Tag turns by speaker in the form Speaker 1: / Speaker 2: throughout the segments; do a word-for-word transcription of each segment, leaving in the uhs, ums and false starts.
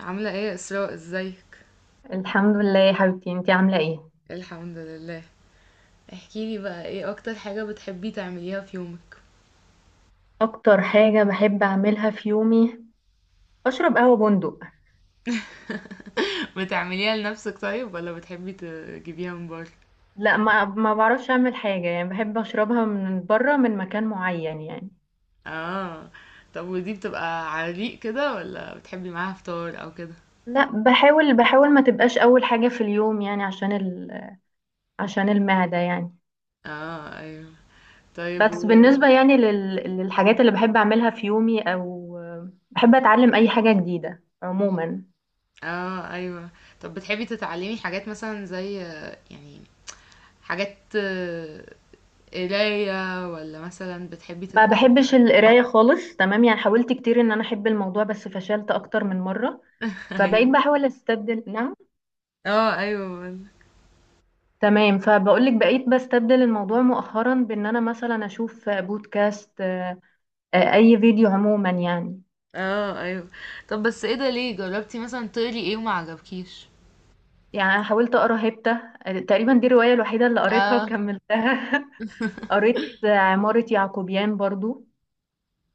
Speaker 1: عاملة ايه يا اسراء؟ ازيك؟
Speaker 2: الحمد لله يا حبيبتي انتي عاملة ايه؟
Speaker 1: الحمد لله. احكيلي بقى، ايه اكتر حاجة بتحبي تعمليها في يومك؟
Speaker 2: اكتر حاجة بحب اعملها في يومي. اشرب قهوة بندق.
Speaker 1: بتعمليها لنفسك طيب ولا بتحبي تجيبيها من بره؟
Speaker 2: لا، ما ما بعرفش اعمل حاجة، يعني بحب اشربها من بره، من مكان معين يعني.
Speaker 1: اه. طب ودي بتبقى على ريق كده ولا بتحبي معاها فطار او كده؟
Speaker 2: لا، بحاول بحاول ما تبقاش اول حاجة في اليوم، يعني عشان ال... عشان المعدة يعني.
Speaker 1: اه، ايوه. طيب و...
Speaker 2: بس بالنسبة يعني لل... للحاجات اللي بحب اعملها في يومي، او بحب اتعلم اي حاجة جديدة عموما.
Speaker 1: اه، ايوه. طب بتحبي تتعلمي حاجات مثلا زي آه، يعني، حاجات آه، قراية، ولا مثلا بتحبي ت...
Speaker 2: ما بحبش القراية خالص، تمام يعني، حاولت كتير ان انا احب الموضوع بس فشلت اكتر من مرة. فبقيت
Speaker 1: ايوه.
Speaker 2: بحاول استبدل، نعم،
Speaker 1: اه، ايوه.
Speaker 2: تمام، فبقولك بقيت بستبدل الموضوع مؤخرا بان انا مثلا اشوف بودكاست، آه، آه، اي فيديو عموما يعني.
Speaker 1: اه، ايوه. طب بس ايه ده، ليه جربتي مثلا تقري ايه وما عجبكيش؟
Speaker 2: يعني أنا حاولت اقرا هبته، آه، تقريبا دي الروايه الوحيده اللي قريتها
Speaker 1: اه.
Speaker 2: وكملتها. قريت، آه، عماره يعقوبيان برضو،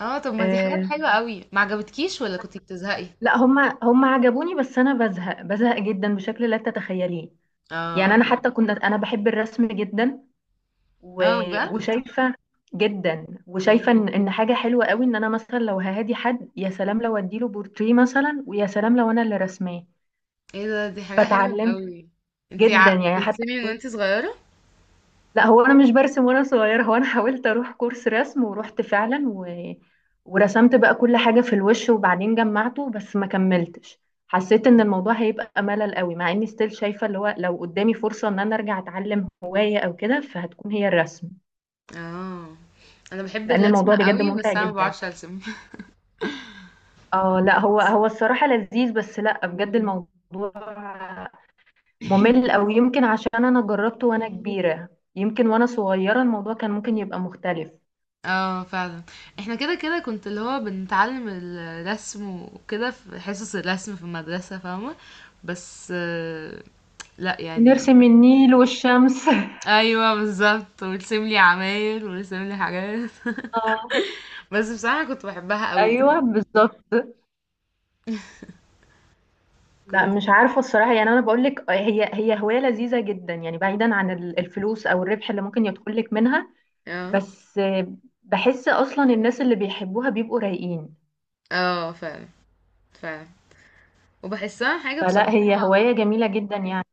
Speaker 1: اه، طب ما دي حاجات
Speaker 2: آه،
Speaker 1: حلوة قوي، ما عجبتكيش ولا كنتي بتزهقي؟
Speaker 2: لا هم هم عجبوني، بس انا بزهق بزهق جدا بشكل لا تتخيليه. يعني
Speaker 1: اه،
Speaker 2: انا
Speaker 1: ايوه.
Speaker 2: حتى كنت انا بحب الرسم جدا و...
Speaker 1: اه، بجد؟
Speaker 2: وشايفه، جدا وشايفه
Speaker 1: مم.
Speaker 2: ان إن حاجه حلوه قوي ان انا مثلا لو ههادي حد، يا سلام لو اديله بورتريه مثلا، ويا سلام لو انا اللي رسماه.
Speaker 1: ايه ده، دي حاجة حلوة
Speaker 2: فتعلمت،
Speaker 1: قوي. انتي
Speaker 2: جدا
Speaker 1: ع...
Speaker 2: يعني حتى
Speaker 1: بترسمي من
Speaker 2: حاولت.
Speaker 1: وانتي صغيرة؟
Speaker 2: لا، هو انا مش برسم وانا صغيره، هو انا حاولت اروح كورس رسم ورحت فعلا و... ورسمت بقى كل حاجه في الوش وبعدين جمعته، بس ما كملتش. حسيت ان
Speaker 1: مم.
Speaker 2: الموضوع هيبقى ملل قوي، مع اني ستيل شايفه، اللي هو لو قدامي فرصه ان انا ارجع اتعلم هوايه او كده، فهتكون هي الرسم.
Speaker 1: اه، انا بحب
Speaker 2: لان الموضوع
Speaker 1: الرسمة
Speaker 2: بجد
Speaker 1: قوي
Speaker 2: ممتع
Speaker 1: بس انا ما
Speaker 2: جدا.
Speaker 1: بعرفش ارسم.
Speaker 2: اه لا، هو
Speaker 1: بس.
Speaker 2: هو الصراحة لذيذ، بس لا، بجد
Speaker 1: مم.
Speaker 2: الموضوع ممل، او يمكن عشان انا جربته وانا كبيرة. يمكن وانا صغيرة الموضوع كان ممكن يبقى مختلف.
Speaker 1: اه، فعلا. احنا كده كده كنت اللي هو بنتعلم الرسم، وكده في حصص الرسم في المدرسة، فاهمة؟ بس آه، لا يعني.
Speaker 2: ونرسم النيل والشمس.
Speaker 1: ايوه، بالظبط، ويرسم لي عماير ويرسم لي حاجات.
Speaker 2: اه
Speaker 1: بس بصراحة كنت بحبها قوي.
Speaker 2: ايوه بالظبط. لا
Speaker 1: كنت.
Speaker 2: مش عارفة الصراحة، يعني انا بقول لك هي هي هواية لذيذة جدا يعني، بعيدا عن ال- الفلوس او الربح اللي ممكن يدخل لك منها.
Speaker 1: اه.
Speaker 2: بس، آه، بحس اصلا الناس اللي بيحبوها بيبقوا رايقين.
Speaker 1: اه، فعلا. فعلا. وبحسها حاجة،
Speaker 2: فلا،
Speaker 1: بصراحة.
Speaker 2: هي هواية جميلة جدا يعني.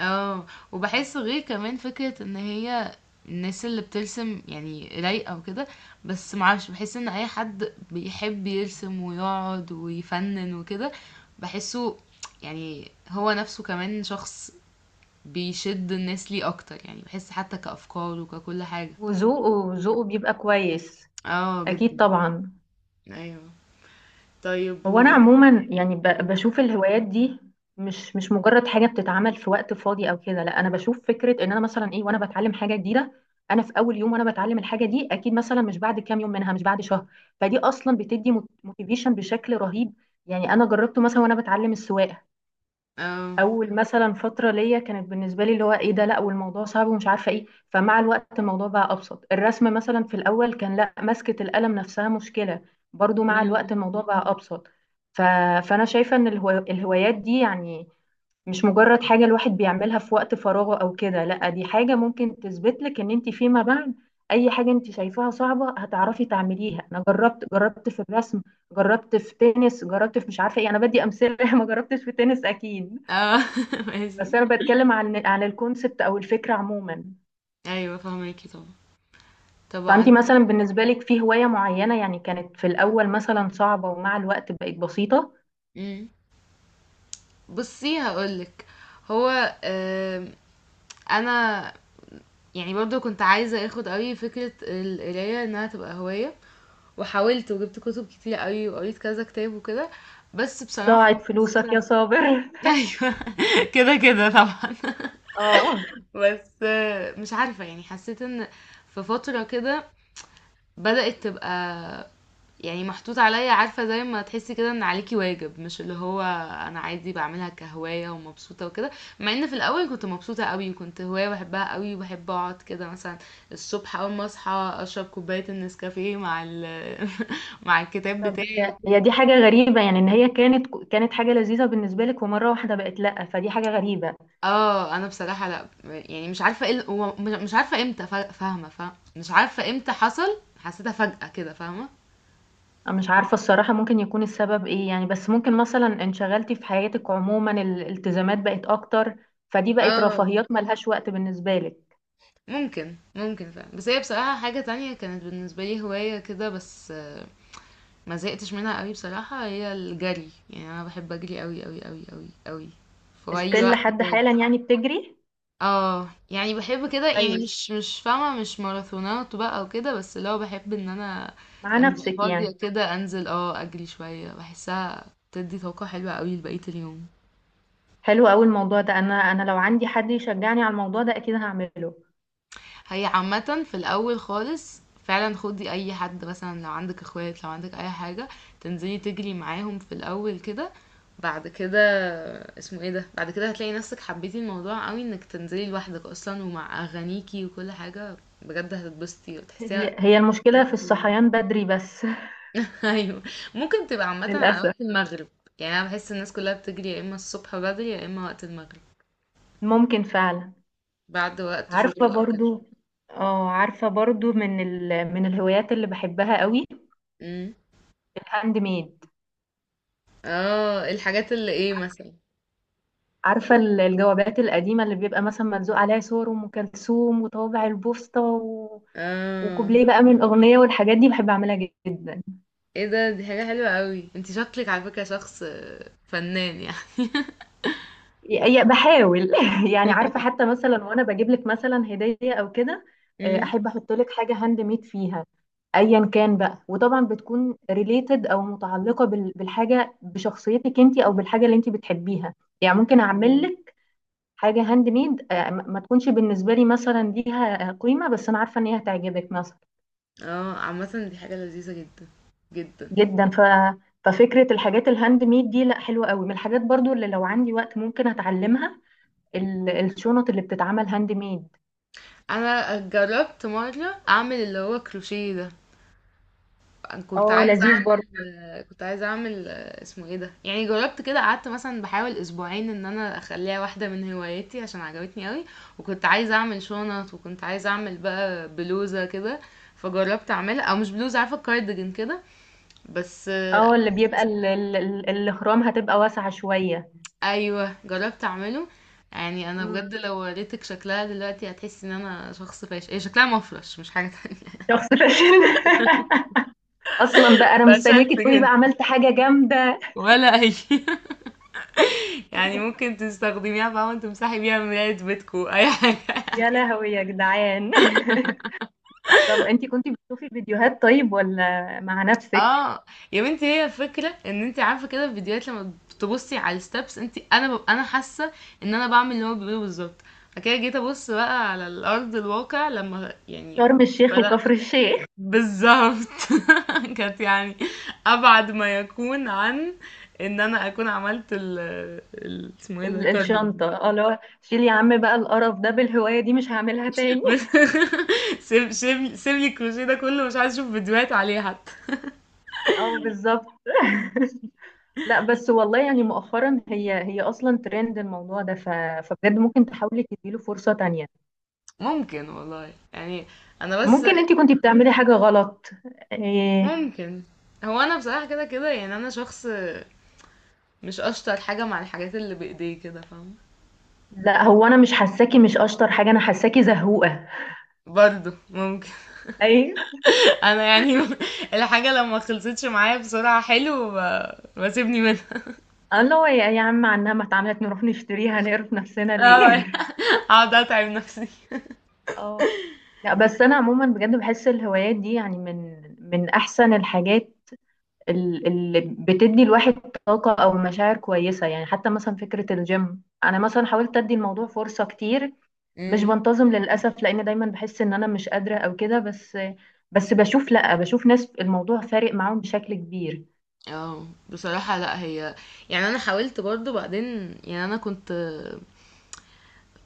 Speaker 1: اه. وبحس غير كمان فكرة ان هي الناس اللي بترسم يعني رايقة وكده. بس معرفش، بحس ان اي حد بيحب يرسم ويقعد ويفنن وكده، بحسه يعني هو نفسه كمان شخص بيشد الناس ليه اكتر. يعني بحس حتى كأفكار وككل حاجة.
Speaker 2: وذوقه وذوقه بيبقى كويس.
Speaker 1: اه،
Speaker 2: أكيد
Speaker 1: جدا.
Speaker 2: طبعا.
Speaker 1: ايوه. طيب،
Speaker 2: هو أنا
Speaker 1: ومثلا...
Speaker 2: عموما يعني ب-
Speaker 1: مم.
Speaker 2: بشوف الهوايات دي، مش مش مجرد حاجة بتتعمل في وقت فاضي أو كده، لا أنا بشوف فكرة إن أنا مثلا، إيه، وأنا بتعلم حاجة جديدة. أنا في أول يوم وأنا بتعلم الحاجة دي أكيد، مثلا مش بعد كام يوم منها، مش بعد شهر. فدي أصلا بتدي موتيفيشن بشكل رهيب. يعني أنا جربته مثلا وأنا بتعلم السواقة.
Speaker 1: اه.
Speaker 2: اول مثلا فتره ليا كانت بالنسبه لي اللي هو ايه ده، لا والموضوع صعب ومش عارفه ايه، فمع الوقت الموضوع بقى ابسط. الرسم مثلا في الاول كان، لا، مسكه القلم نفسها مشكله. برضو مع الوقت
Speaker 1: مم.
Speaker 2: الموضوع بقى ابسط. ف... فانا شايفه ان الهو... الهوايات دي يعني مش مجرد حاجه الواحد بيعملها في وقت فراغه او كده، لا دي حاجه ممكن تثبت لك ان انت فيما بعد اي حاجه انت شايفاها صعبه هتعرفي تعمليها. انا جربت جربت في الرسم، جربت في تنس، جربت في مش عارفه ايه، انا بدي امثله. ما جربتش في تنس اكيد.
Speaker 1: اه. ماشي.
Speaker 2: بس انا بتكلم عن عن الكونسبت او الفكره عموما.
Speaker 1: ايوه، فهماكي طبعا. طب
Speaker 2: فانت
Speaker 1: عندك...
Speaker 2: مثلا بالنسبه لك في هوايه معينه، يعني كانت في الاول مثلا صعبه ومع الوقت بقت بسيطه؟
Speaker 1: بُصّي هاقول لِك، هو، آمم أنا يعني برضه كنت عايزة آخُد أوي فكرة القراية إنها تبقى هواية، وحاولت وجِبت كُتب كتيرة أوي وقريت كذا كتاب وكده، بس بصراحة
Speaker 2: ضاعت فلوسك يا
Speaker 1: حاسّة...
Speaker 2: صابر.
Speaker 1: أيوه، كده، كده طبعًا.
Speaker 2: اه،
Speaker 1: بس آه، مش عارفة يعني، حسّيت إن في فترة كده بدأت تبقى يعني محطوط عليا، عارفة؟ زي ما تحسي كده ان عليكي واجب، مش اللي هو انا عادي بعملها كهواية ومبسوطة وكده. مع ان في الاول كنت مبسوطة قوي، وكنت هواية بحبها قوي، وبحب اقعد كده مثلا الصبح اول ما اصحى اشرب كوباية النسكافيه مع ال... مع الكتاب
Speaker 2: طب
Speaker 1: بتاعي
Speaker 2: هي هي
Speaker 1: وكده.
Speaker 2: دي حاجه غريبه، يعني ان هي كانت كانت حاجه لذيذه بالنسبه لك، ومره واحده بقت لا، فدي حاجه غريبه.
Speaker 1: اه، انا بصراحة لا يعني مش عارفة ايه ال- هو مش مش عارفة امتى، فا- فاهمة، فاهمة، مش عارفة امتى حصل، حسيتها فجأة كده، فاهمة؟
Speaker 2: انا مش عارفه الصراحه ممكن يكون السبب ايه يعني، بس ممكن مثلا انشغلتي في حياتك عموما، الالتزامات بقت اكتر. فدي بقت
Speaker 1: اه،
Speaker 2: رفاهيات ملهاش وقت بالنسبه لك.
Speaker 1: ممكن، ممكن فعلا. بس هي بصراحة حاجة تانية كانت بالنسبة لي هواية كده، بس ما زهقتش منها قوي بصراحة، هي الجري. يعني انا بحب اجري قوي قوي قوي قوي قوي في اي
Speaker 2: استيل
Speaker 1: وقت
Speaker 2: لحد
Speaker 1: فاضي.
Speaker 2: حالا يعني بتجري؟
Speaker 1: اه، يعني بحب كده، يعني
Speaker 2: كويس،
Speaker 1: مش مش فاهمة، مش ماراثونات بقى وكده، بس اللي هو بحب ان انا
Speaker 2: مع
Speaker 1: لما ببقى
Speaker 2: نفسك
Speaker 1: فاضية
Speaker 2: يعني.
Speaker 1: كده انزل اه اجري شوية. بحسها بتدي طاقة حلوة قوي لبقية اليوم.
Speaker 2: حلو قوي الموضوع ده، انا انا لو عندي حد يشجعني على الموضوع ده اكيد هعمله.
Speaker 1: هي عامة في الأول خالص، فعلا خدي أي حد مثلا، لو عندك اخوات، لو عندك أي حاجة، تنزلي تجري معاهم في الأول كده. بعد كده اسمه ايه ده، بعد كده هتلاقي نفسك حبيتي الموضوع قوي، انك تنزلي لوحدك اصلا ومع اغانيكي وكل حاجة. بجد هتتبسطي وتحسيها
Speaker 2: هي هي المشكلة
Speaker 1: فرق
Speaker 2: في
Speaker 1: في اليوم.
Speaker 2: الصحيان بدري بس.
Speaker 1: ايوه، ممكن تبقى عامة على
Speaker 2: للأسف.
Speaker 1: وقت المغرب. يعني انا بحس الناس كلها بتجري يا اما الصبح بدري يا اما وقت المغرب،
Speaker 2: ممكن فعلا.
Speaker 1: بعد وقت
Speaker 2: عارفة
Speaker 1: شغل او كده.
Speaker 2: برضو. اه، عارفة برضو، من ال... من الهوايات اللي بحبها قوي،
Speaker 1: امم.
Speaker 2: الهاند ميد.
Speaker 1: اه، الحاجات اللي ايه مثلا؟
Speaker 2: عارفة ال- الجوابات القديمة اللي بيبقى مثلا ملزوق عليها صور أم كلثوم وطوابع البوسطة و...
Speaker 1: اه،
Speaker 2: وكوبليه بقى من أغنية، والحاجات دي بحب أعملها جدا.
Speaker 1: ايه ده، دي حاجة حلوة قوي. انت شكلك على فكرة شخص آه، فنان يعني.
Speaker 2: يا- بحاول. يعني عارفه حتى مثلا وانا بجيب لك مثلا هديه او كده، آه،
Speaker 1: امم.
Speaker 2: احب احط لك حاجه هاند ميد فيها، ايا كان بقى، وطبعا بتكون ريليتد او متعلقه بال- بالحاجه، بشخصيتك انت او بالحاجه اللي انت بتحبيها. يعني ممكن اعمل
Speaker 1: اه،
Speaker 2: لك حاجه هاند ميد، آه، ما ما تكونش بالنسبه لي مثلا ليها قيمه، بس انا عارفه ان هي هتعجبك مثلا
Speaker 1: آه، عامة دي حاجة لذيذة جدا، جدا.
Speaker 2: جدا. ف ففكره الحاجات الهاند ميد دي، لا حلوه قوي، من الحاجات برضو اللي لو عندي وقت ممكن اتعلمها، ال- الشنط اللي بتتعمل هاند ميد.
Speaker 1: انا جربت مرة اعمل اللي هو كروشيه ده. أنا كنت
Speaker 2: اه،
Speaker 1: عايزة
Speaker 2: لذيذ
Speaker 1: اعمل
Speaker 2: برضه.
Speaker 1: آه، كنت عايزة اعمل آه، اسمه ايه ده، يعني جربت كده، قعدت مثلا بحاول اسبوعين ان انا اخليها واحدة من هواياتي عشان عجبتني قوي. وكنت عايزة اعمل شنط، وكنت عايزة اعمل بقى بلوزة كده، فجربت اعملها، او مش بلوزة، عارفة، كارديجان كده. بس.
Speaker 2: اه، اللي بيبقى ال- ال- ال- الاهرام هتبقى واسعة شوية.
Speaker 1: ايوه، جربت اعمله. يعني انا
Speaker 2: امم.
Speaker 1: بجد لو وريتك شكلها دلوقتي هتحسي ان انا شخص فاشل، هي شكلها مفرش مش حاجه تانية.
Speaker 2: شخص فاشل. اصلا بقى انا
Speaker 1: فشلت
Speaker 2: مستنياكي تقولي
Speaker 1: جدا.
Speaker 2: بقى عملت حاجة جامدة.
Speaker 1: ولا اي. يعني ممكن تستخدميها بقى وانت تمسحي بيها مراية بيتكو اي حاجه.
Speaker 2: يا لهوي يا جدعان. طب انتي كنتي بتشوفي فيديوهات طيب، ولا مع نفسك؟
Speaker 1: اه. يا بنتي، هي الفكره ان انت عارفه كده، في فيديوهات لما بتبصي على الستبس، انت انا ببقى انا حاسه ان انا بعمل اللي هو بيقوله بالظبط. بعد كده جيت ابص بقى على الارض الواقع لما يعني
Speaker 2: شرم الشيخ
Speaker 1: بدات،
Speaker 2: وكفر الشيخ.
Speaker 1: بالضبط. كانت يعني أبعد ما يكون عن إن أنا أكون عملت ال ال اسمه إيه ده؟
Speaker 2: ال-
Speaker 1: التارجت.
Speaker 2: الشنطة. اه لا، شيلي يا عم بقى القرف ده، بالهواية دي مش هعملها تاني.
Speaker 1: سيب سيب سيب لي الكروشيه ده كله، مش عايز أشوف فيديوهات عليه حتى.
Speaker 2: اه بالظبط. لا بس والله يعني مؤخرا هي هي اصلا ترند الموضوع ده، ف... فبجد ممكن تحاولي تديله فرصة تانية.
Speaker 1: ممكن، والله يعني. أنا بس...
Speaker 2: ممكن انت كنتي بتعملي حاجة غلط. إيه...
Speaker 1: ممكن. هو أنا بصراحة كده كده يعني أنا شخص مش أشطر حاجة مع الحاجات اللي بإيديه كده، فاهم؟
Speaker 2: لا، هو انا مش حاساكي مش اشطر حاجة، انا حاساكي زهوقة.
Speaker 1: برضه ممكن.
Speaker 2: اي.
Speaker 1: أنا يعني الحاجة لما خلصتش معايا بسرعة حلو، ب- بسيبني منها.
Speaker 2: الله هو، يا يا عم عنها ما اتعملت نروح نشتريها نقرف نفسنا ليه؟
Speaker 1: اه، اقعد اتعب نفسي.
Speaker 2: اه لا بس انا عموما بجد بحس الهوايات دي يعني من من احسن الحاجات، ال- اللي بتدي الواحد طاقة او مشاعر كويسة. يعني حتى مثلا فكرة الجيم، انا مثلا حاولت ادي الموضوع فرصة كتير، مش
Speaker 1: امم.
Speaker 2: بنتظم للأسف لأن دايما بحس إن أنا مش قادرة أو كده، بس بس بشوف، لأ، بشوف ناس الموضوع فارق معاهم بشكل كبير.
Speaker 1: اه بصراحة، لا هي يعني انا حاولت برضو بعدين، يعني انا كنت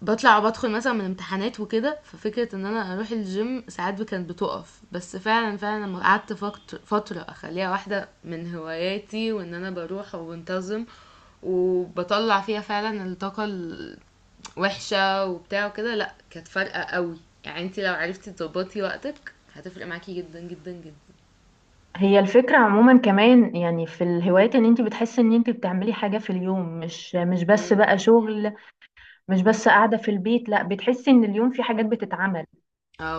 Speaker 1: بطلع وبدخل مثلا من امتحانات وكده، ففكرة ان انا اروح الجيم ساعات كانت بتقف. بس فعلا، فعلا لما قعدت فقط- فترة اخليها واحدة من هواياتي، وان انا بروح وبنتظم وبطلع فيها فعلا الطاقة الوحشة وبتاع وكده، لا كانت فارقة قوي. يعني انتي لو عرفتي تظبطي وقتك هتفرق معاكي جدا جدا جدا.
Speaker 2: هي الفكرة عموما كمان يعني في الهوايات، إن أنت بتحسي إن أنت بتعملي حاجة في اليوم، مش مش بس
Speaker 1: امم.
Speaker 2: بقى شغل، مش بس قاعدة في البيت، لأ بتحسي إن اليوم في حاجات بتتعمل،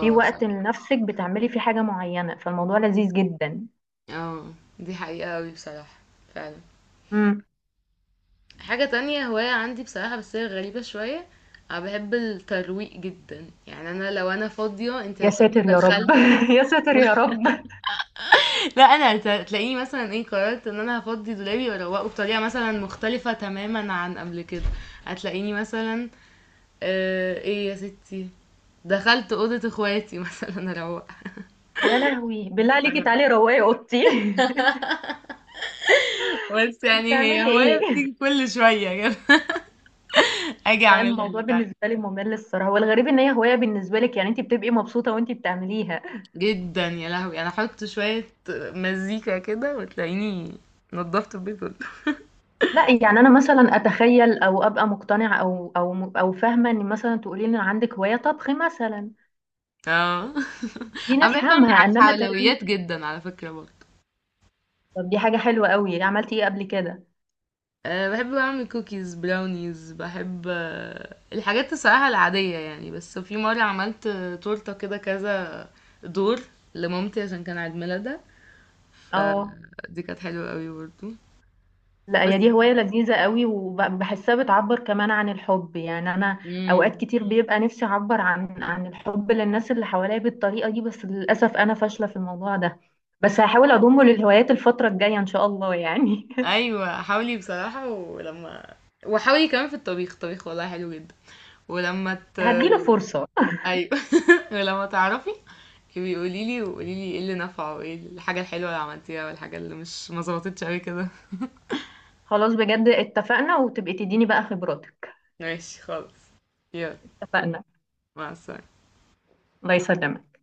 Speaker 2: في
Speaker 1: صح.
Speaker 2: وقت لنفسك بتعملي فيه حاجة معينة، فالموضوع لذيذ جدا.
Speaker 1: آه، دي حقيقة أوي بصراحة. فعلًا.
Speaker 2: امم.
Speaker 1: حاجة تانية هواية عندي بصراحة، بس هي غريبة شوية، أنا باحب الترويق جدًا، يعني أنا لو أنا فاضية أنتِ
Speaker 2: يا
Speaker 1: هتلاقيني
Speaker 2: ساتر يا رب.
Speaker 1: دخلت.
Speaker 2: يا ساتر يا رب.
Speaker 1: لأ أنا هت هتلاقيني مثلًا إيه، قررت إن أنا هافضي دولابي وأروّقه بطريقة مثلًا مختلفة تمامًا عن قبل كده، هتلاقيني مثلًا آآ، إيه يا ستي، دخلت أوضة اخواتي مثلًا أروّقها.
Speaker 2: يا لهوي، بالله عليكي تعالي روقي اوضتي.
Speaker 1: بس يعني هي
Speaker 2: بتعملي
Speaker 1: هواية
Speaker 2: ايه؟
Speaker 1: بتيجي كل شوية كده، آجي
Speaker 2: لا،
Speaker 1: أعملها
Speaker 2: الموضوع
Speaker 1: لِك.
Speaker 2: بالنسبه لي ممل الصراحه، والغريب ان هي هوايه بالنسبه لك، يعني انت بتبقي مبسوطه وانت بتعمليها.
Speaker 1: جدًا يا لهوي! أنا أحط شوية مزيكا كده وتلاقيني نضّفت البيت كله.
Speaker 2: لا يعني انا مثلا اتخيل او ابقى مقتنعه او او او فاهمه ان مثلا تقولي لي ان عندك هوايه طبخ مثلا.
Speaker 1: آه.
Speaker 2: دي
Speaker 1: أنا باحب أعمل
Speaker 2: نفهمها،
Speaker 1: ع
Speaker 2: انما ترويج.
Speaker 1: حلويات جدًا على فكرة برضه.
Speaker 2: طب دي حاجه حلوه قوي، عملتي ايه قبل كده؟
Speaker 1: آآ باحب أعمل كوكيز، براونيز، باحب الحاجات الصراحة العادية يعني، بس في مرة عملت تورتة كده كذا دور لمامتي عشان كان عيد ميلادها،
Speaker 2: اه
Speaker 1: فدي كانت حلوة أوي برضه.
Speaker 2: لا، هي
Speaker 1: بس.
Speaker 2: دي هواية لذيذة قوي، وبحسها بتعبر كمان عن الحب يعني. أنا
Speaker 1: إمم.
Speaker 2: أوقات كتير بيبقى نفسي أعبر عن عن الحب للناس اللي حواليا بالطريقة دي، بس للأسف أنا فاشلة في الموضوع ده. بس هحاول أضمه للهوايات الفترة الجاية إن شاء الله يعني.
Speaker 1: ايوه، حاولي بصراحة. ولما... وحاولي كمان في الطبيخ، الطبيخ والله حلو جدا. ولما ت...
Speaker 2: هديله فرصة.
Speaker 1: ايوه. ولما تعرفي بيقولي لي، وقولي لي ايه اللي نفعه وايه الحاجة الحلوة اللي عملتيها والحاجة اللي مش ما ظبطتش قوي كده.
Speaker 2: خلاص، بجد اتفقنا، وتبقي تديني بقى خبراتك.
Speaker 1: ماشي خالص. يلا،
Speaker 2: اتفقنا.
Speaker 1: مع السلامة.
Speaker 2: الله يسلمك.